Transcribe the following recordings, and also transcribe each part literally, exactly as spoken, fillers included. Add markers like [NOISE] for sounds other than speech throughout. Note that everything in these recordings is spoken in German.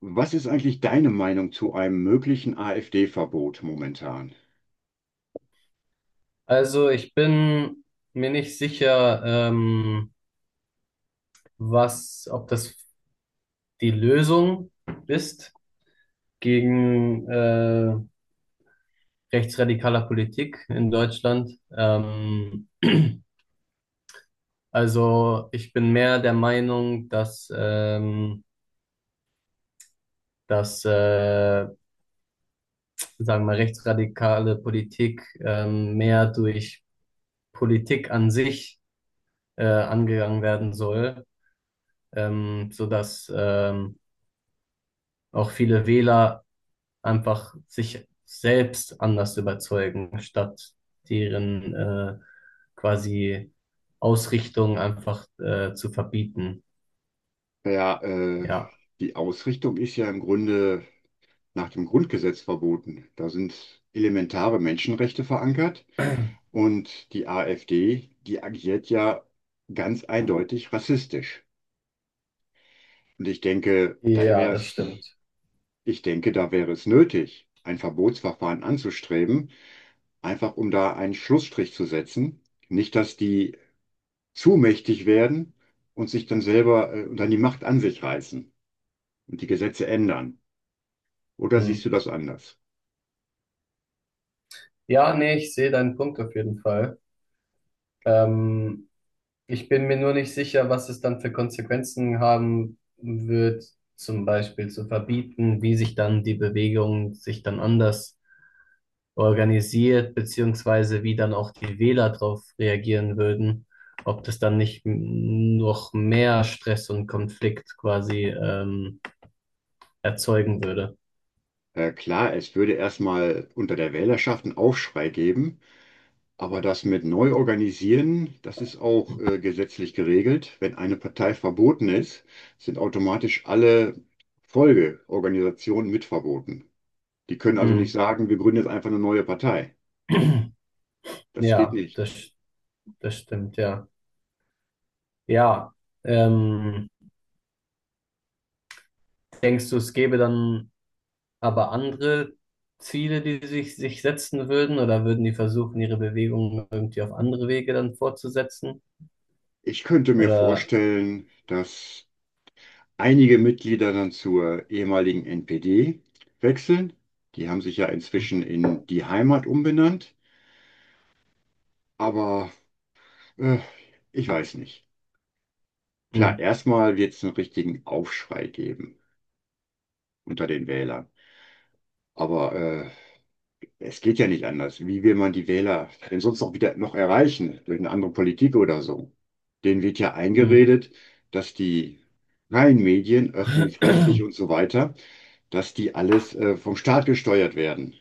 Was ist eigentlich deine Meinung zu einem möglichen AfD-Verbot momentan? Also ich bin mir nicht sicher, ähm, was, ob das die Lösung ist gegen äh, rechtsradikale Politik in Deutschland. Ähm, [CLEARS THROAT] also ich bin mehr der Meinung, dass, ähm, dass äh, sagen wir mal, rechtsradikale Politik ähm, mehr durch Politik an sich äh, angegangen werden soll, ähm, sodass ähm, auch viele Wähler einfach sich selbst anders überzeugen, statt deren äh, quasi Ausrichtung einfach äh, zu verbieten. Ja, äh, Ja. die Ausrichtung ist ja im Grunde nach dem Grundgesetz verboten. Da sind elementare Menschenrechte verankert und die AfD, die agiert ja ganz eindeutig rassistisch. Und ich denke, da Ja, wäre das es, stimmt. ich denke, da wäre es nötig, ein Verbotsverfahren anzustreben, einfach um da einen Schlussstrich zu setzen. Nicht, dass die zu mächtig werden und sich dann selber äh, und dann die Macht an sich reißen und die Gesetze ändern. Oder siehst Hm. du das anders? Ja, nee, ich sehe deinen Punkt auf jeden Fall. Ähm, ich bin mir nur nicht sicher, was es dann für Konsequenzen haben wird, zum Beispiel zu verbieten, wie sich dann die Bewegung sich dann anders organisiert, beziehungsweise wie dann auch die Wähler darauf reagieren würden, ob das dann nicht m- noch mehr Stress und Konflikt quasi ähm, erzeugen würde. Äh, klar, es würde erstmal unter der Wählerschaft einen Aufschrei geben, aber das mit neu organisieren, das ist auch äh, gesetzlich geregelt. Wenn eine Partei verboten ist, sind automatisch alle Folgeorganisationen mit verboten. Die können also nicht Hm. sagen, wir gründen jetzt einfach eine neue Partei. [CLEARS THROAT] Das geht Ja, nicht. das, das stimmt, ja. Ja, ähm, denkst du, es gäbe dann aber andere Ziele, die sich, sich setzen würden, oder würden die versuchen, ihre Bewegungen irgendwie auf andere Wege dann fortzusetzen? Ich könnte mir Oder vorstellen, dass einige Mitglieder dann zur ehemaligen N P D wechseln. Die haben sich ja inzwischen in die Heimat umbenannt. Aber Äh, Ich hm, weiß nicht. Klar, hm, erstmal wird es einen richtigen Aufschrei geben unter den Wählern. Aber äh, es geht ja nicht anders. Wie will man die Wähler denn sonst noch wieder noch erreichen? Durch eine andere Politik oder so? Denen wird ja eingeredet, dass die freien Medien, öffentlich-rechtlich und so [CLEARS THROAT] weiter, dass die alles äh, vom Staat gesteuert werden.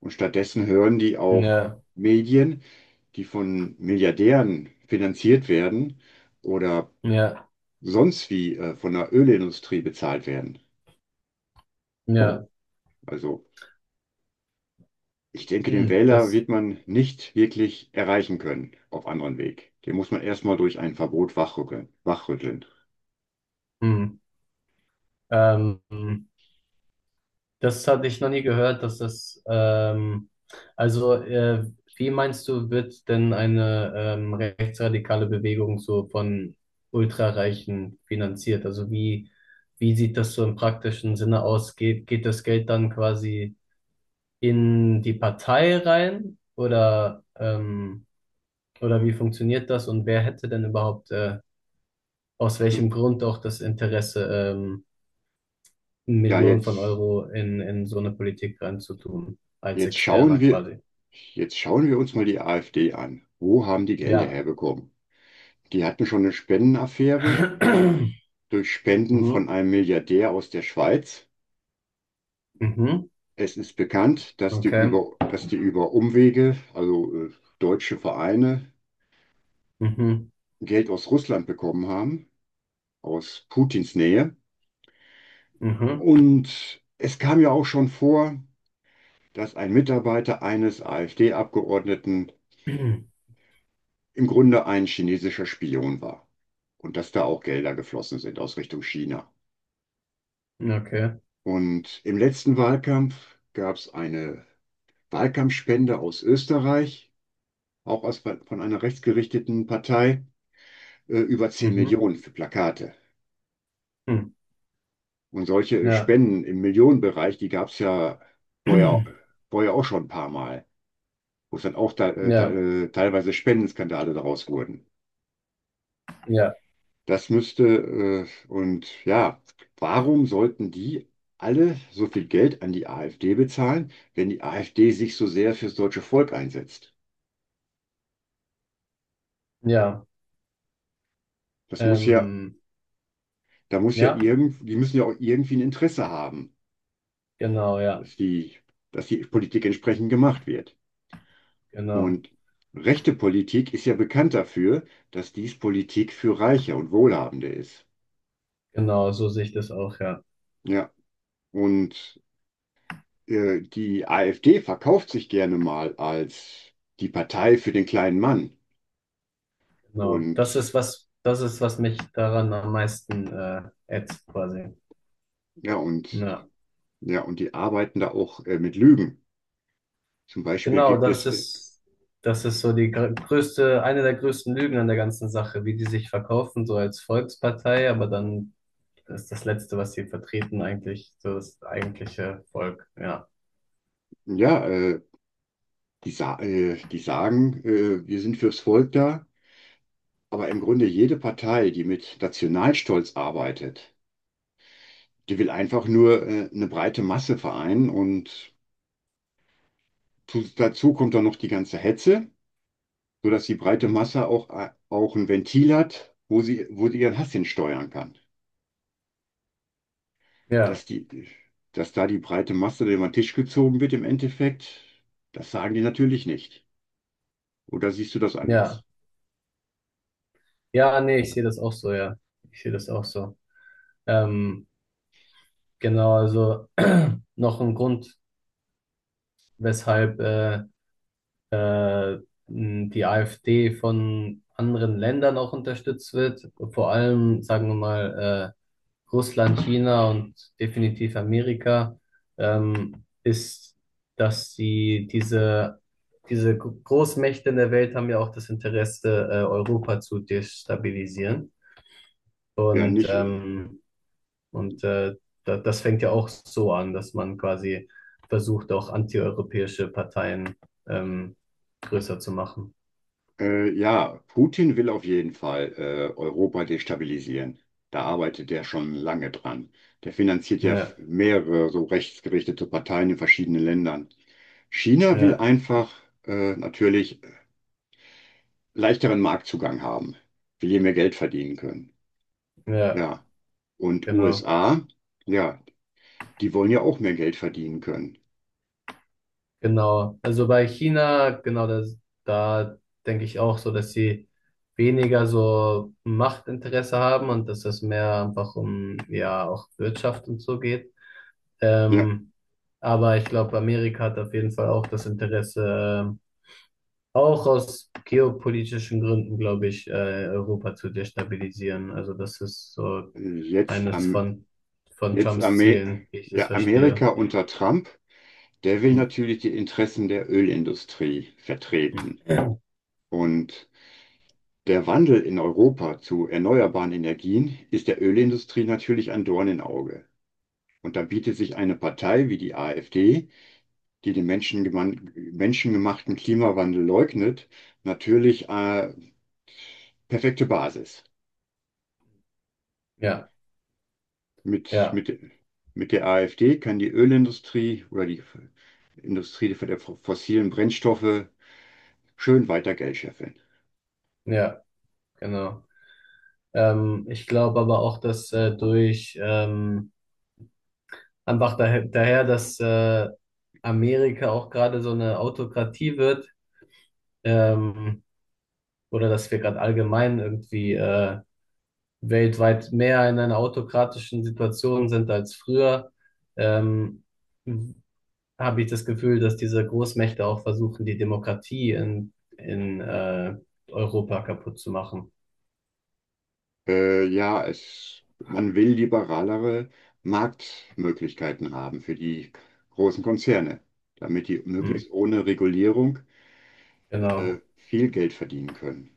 Und stattdessen hören die auf Ja. Medien, die von Milliardären finanziert werden oder Ja, sonst wie äh, von der Ölindustrie bezahlt werden. ja, Also ich denke, den hm, Wähler das, wird man nicht wirklich erreichen können auf anderen Weg. Den muss man erstmal durch ein Verbot wachrütteln. wachrütteln. hm, ähm, das hatte ich noch nie gehört, dass das, ähm, also, äh, wie meinst du, wird denn eine ähm, rechtsradikale Bewegung so von Ultrareichen finanziert? Also wie, wie sieht das so im praktischen Sinne aus? Geht, geht das Geld dann quasi in die Partei rein oder, ähm, oder wie funktioniert das und wer hätte denn überhaupt, äh, aus welchem Du, Grund auch das Interesse, ähm, Ja, Millionen von jetzt, Euro in, in so eine Politik reinzutun, als jetzt schauen Externer wir, quasi. jetzt schauen wir uns mal die AfD an. Wo haben die Gelder Ja. herbekommen? Die hatten schon eine Spendenaffäre [CLEARS THROAT] durch Spenden von Mhm. einem Milliardär aus der Schweiz. Mhm. Es ist bekannt, dass die Okay. über, dass die über Umwege, also äh, deutsche Vereine, Mhm. Geld aus Russland bekommen haben, aus Putins Nähe. Mhm. Und es kam ja auch schon vor, dass ein Mitarbeiter eines AfD-Abgeordneten [CLEARS THROAT] im Grunde ein chinesischer Spion war und dass da auch Gelder geflossen sind aus Richtung China. Okay. Und im letzten Wahlkampf gab es eine Wahlkampfspende aus Österreich, auch aus, von einer rechtsgerichteten Partei, äh, über zehn Mhm. Millionen für Plakate. Hm. Und solche Ja. Spenden im Millionenbereich, die gab es ja vorher, [CLEARS THROAT] vorher auch schon ein paar Mal, wo es dann auch te äh, te Ja. äh, teilweise Spendenskandale daraus wurden. Ja. Das müsste, äh, und Ja, warum sollten die alle so viel Geld an die AfD bezahlen, wenn die AfD sich so sehr fürs deutsche Volk einsetzt? Ja. Das muss ja, Ähm, da muss ja ja. irgend, die müssen ja auch irgendwie ein Interesse haben, Genau. Ja. dass die, dass die Politik entsprechend gemacht wird. Genau. Und rechte Politik ist ja bekannt dafür, dass dies Politik für Reiche und Wohlhabende ist. Genau. So sehe ich das auch. Ja. Ja, und äh, die AfD verkauft sich gerne mal als die Partei für den kleinen Mann. Genau. Und Das ist was. Das ist was mich daran am meisten äh, ätzt quasi. ja, und Ja. ja, und die arbeiten da auch äh, mit Lügen. Zum Beispiel Genau, gibt es das äh, ist, das ist so die gr- größte, eine der größten Lügen an der ganzen Sache, wie die sich verkaufen, so als Volkspartei, aber dann ist das Letzte, was sie vertreten, eigentlich so das eigentliche Volk. Ja, Ja, äh, die, sa äh, die sagen, äh, wir sind fürs Volk da, aber im Grunde jede Partei, die mit Nationalstolz arbeitet, die will einfach nur äh, eine breite Masse vereinen und zu, dazu kommt dann noch die ganze Hetze, sodass die breite Hm. Masse auch, äh, auch ein Ventil hat, wo sie, wo sie ihren Hass hin steuern kann. ja, Dass die, dass da die breite Masse über den Tisch gezogen wird im Endeffekt, das sagen die natürlich nicht. Oder siehst du das ja. anders? Ja, nee, ich sehe das auch so, ja. Ich sehe das auch so. Ähm, genau, also [CLEARS THROAT] noch ein Grund, weshalb äh, die A F D von anderen Ländern auch unterstützt wird, vor allem, sagen wir mal, äh, Russland, China und definitiv Amerika, ähm, ist, dass sie diese, diese Großmächte in der Welt haben ja auch das Interesse, äh, Europa zu destabilisieren. Ja, Und, nicht. ähm, und äh, da, das fängt ja auch so an, dass man quasi versucht, auch antieuropäische Parteien ähm, größer zu machen. Äh, ja, Putin will auf jeden Fall äh, Europa destabilisieren. Da arbeitet er schon lange dran. Der finanziert ja f- Ja. mehrere so rechtsgerichtete Parteien in verschiedenen Ländern. China will Ja, einfach äh, natürlich leichteren Marktzugang haben, will hier mehr Geld verdienen können. ja, Ja, und genau, U S A, ja, die wollen ja auch mehr Geld verdienen können. genau. Also bei China, genau, das, da denke ich auch so, dass sie weniger so Machtinteresse haben und dass es mehr einfach um, ja, auch Wirtschaft und so geht. Ja, Ähm, aber ich glaube, Amerika hat auf jeden Fall auch das Interesse, ähm, auch aus geopolitischen Gründen, glaube ich, äh, Europa zu destabilisieren. Also das ist so äh, jetzt, eines am, von, von jetzt Trumps Amer Zielen, wie ich das ja, Amerika verstehe. unter Trump. Der will Hm. natürlich die Interessen der Ölindustrie vertreten. Und der Wandel in Europa zu erneuerbaren Energien ist der Ölindustrie natürlich ein Dorn im Auge. Und da bietet sich eine Partei wie die AfD, die den menschengemachten Klimawandel leugnet, natürlich eine perfekte Basis. Ja, Mit, ja. mit, mit der AfD kann die Ölindustrie oder die Industrie der fossilen Brennstoffe schön weiter Geld scheffeln. Ja, genau. Ähm, ich glaube aber auch, dass äh, durch ähm, einfach daher, daher, dass äh, Amerika auch gerade so eine Autokratie wird, ähm, oder dass wir gerade allgemein irgendwie äh, weltweit mehr in einer autokratischen Situation sind als früher, ähm, habe ich das Gefühl, dass diese Großmächte auch versuchen, die Demokratie in, in äh, Europa kaputt zu machen. Äh, ja, es, man will liberalere Marktmöglichkeiten haben für die großen Konzerne, damit die Hm, möglichst ohne Regulierung äh, genau. viel Geld verdienen können.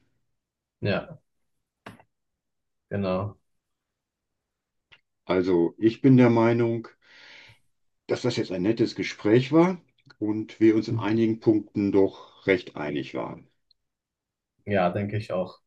Ja, genau. Also ich bin der Meinung, dass das jetzt ein nettes Gespräch war und wir uns in Hm. einigen Punkten doch recht einig waren. Ja, denke ich auch.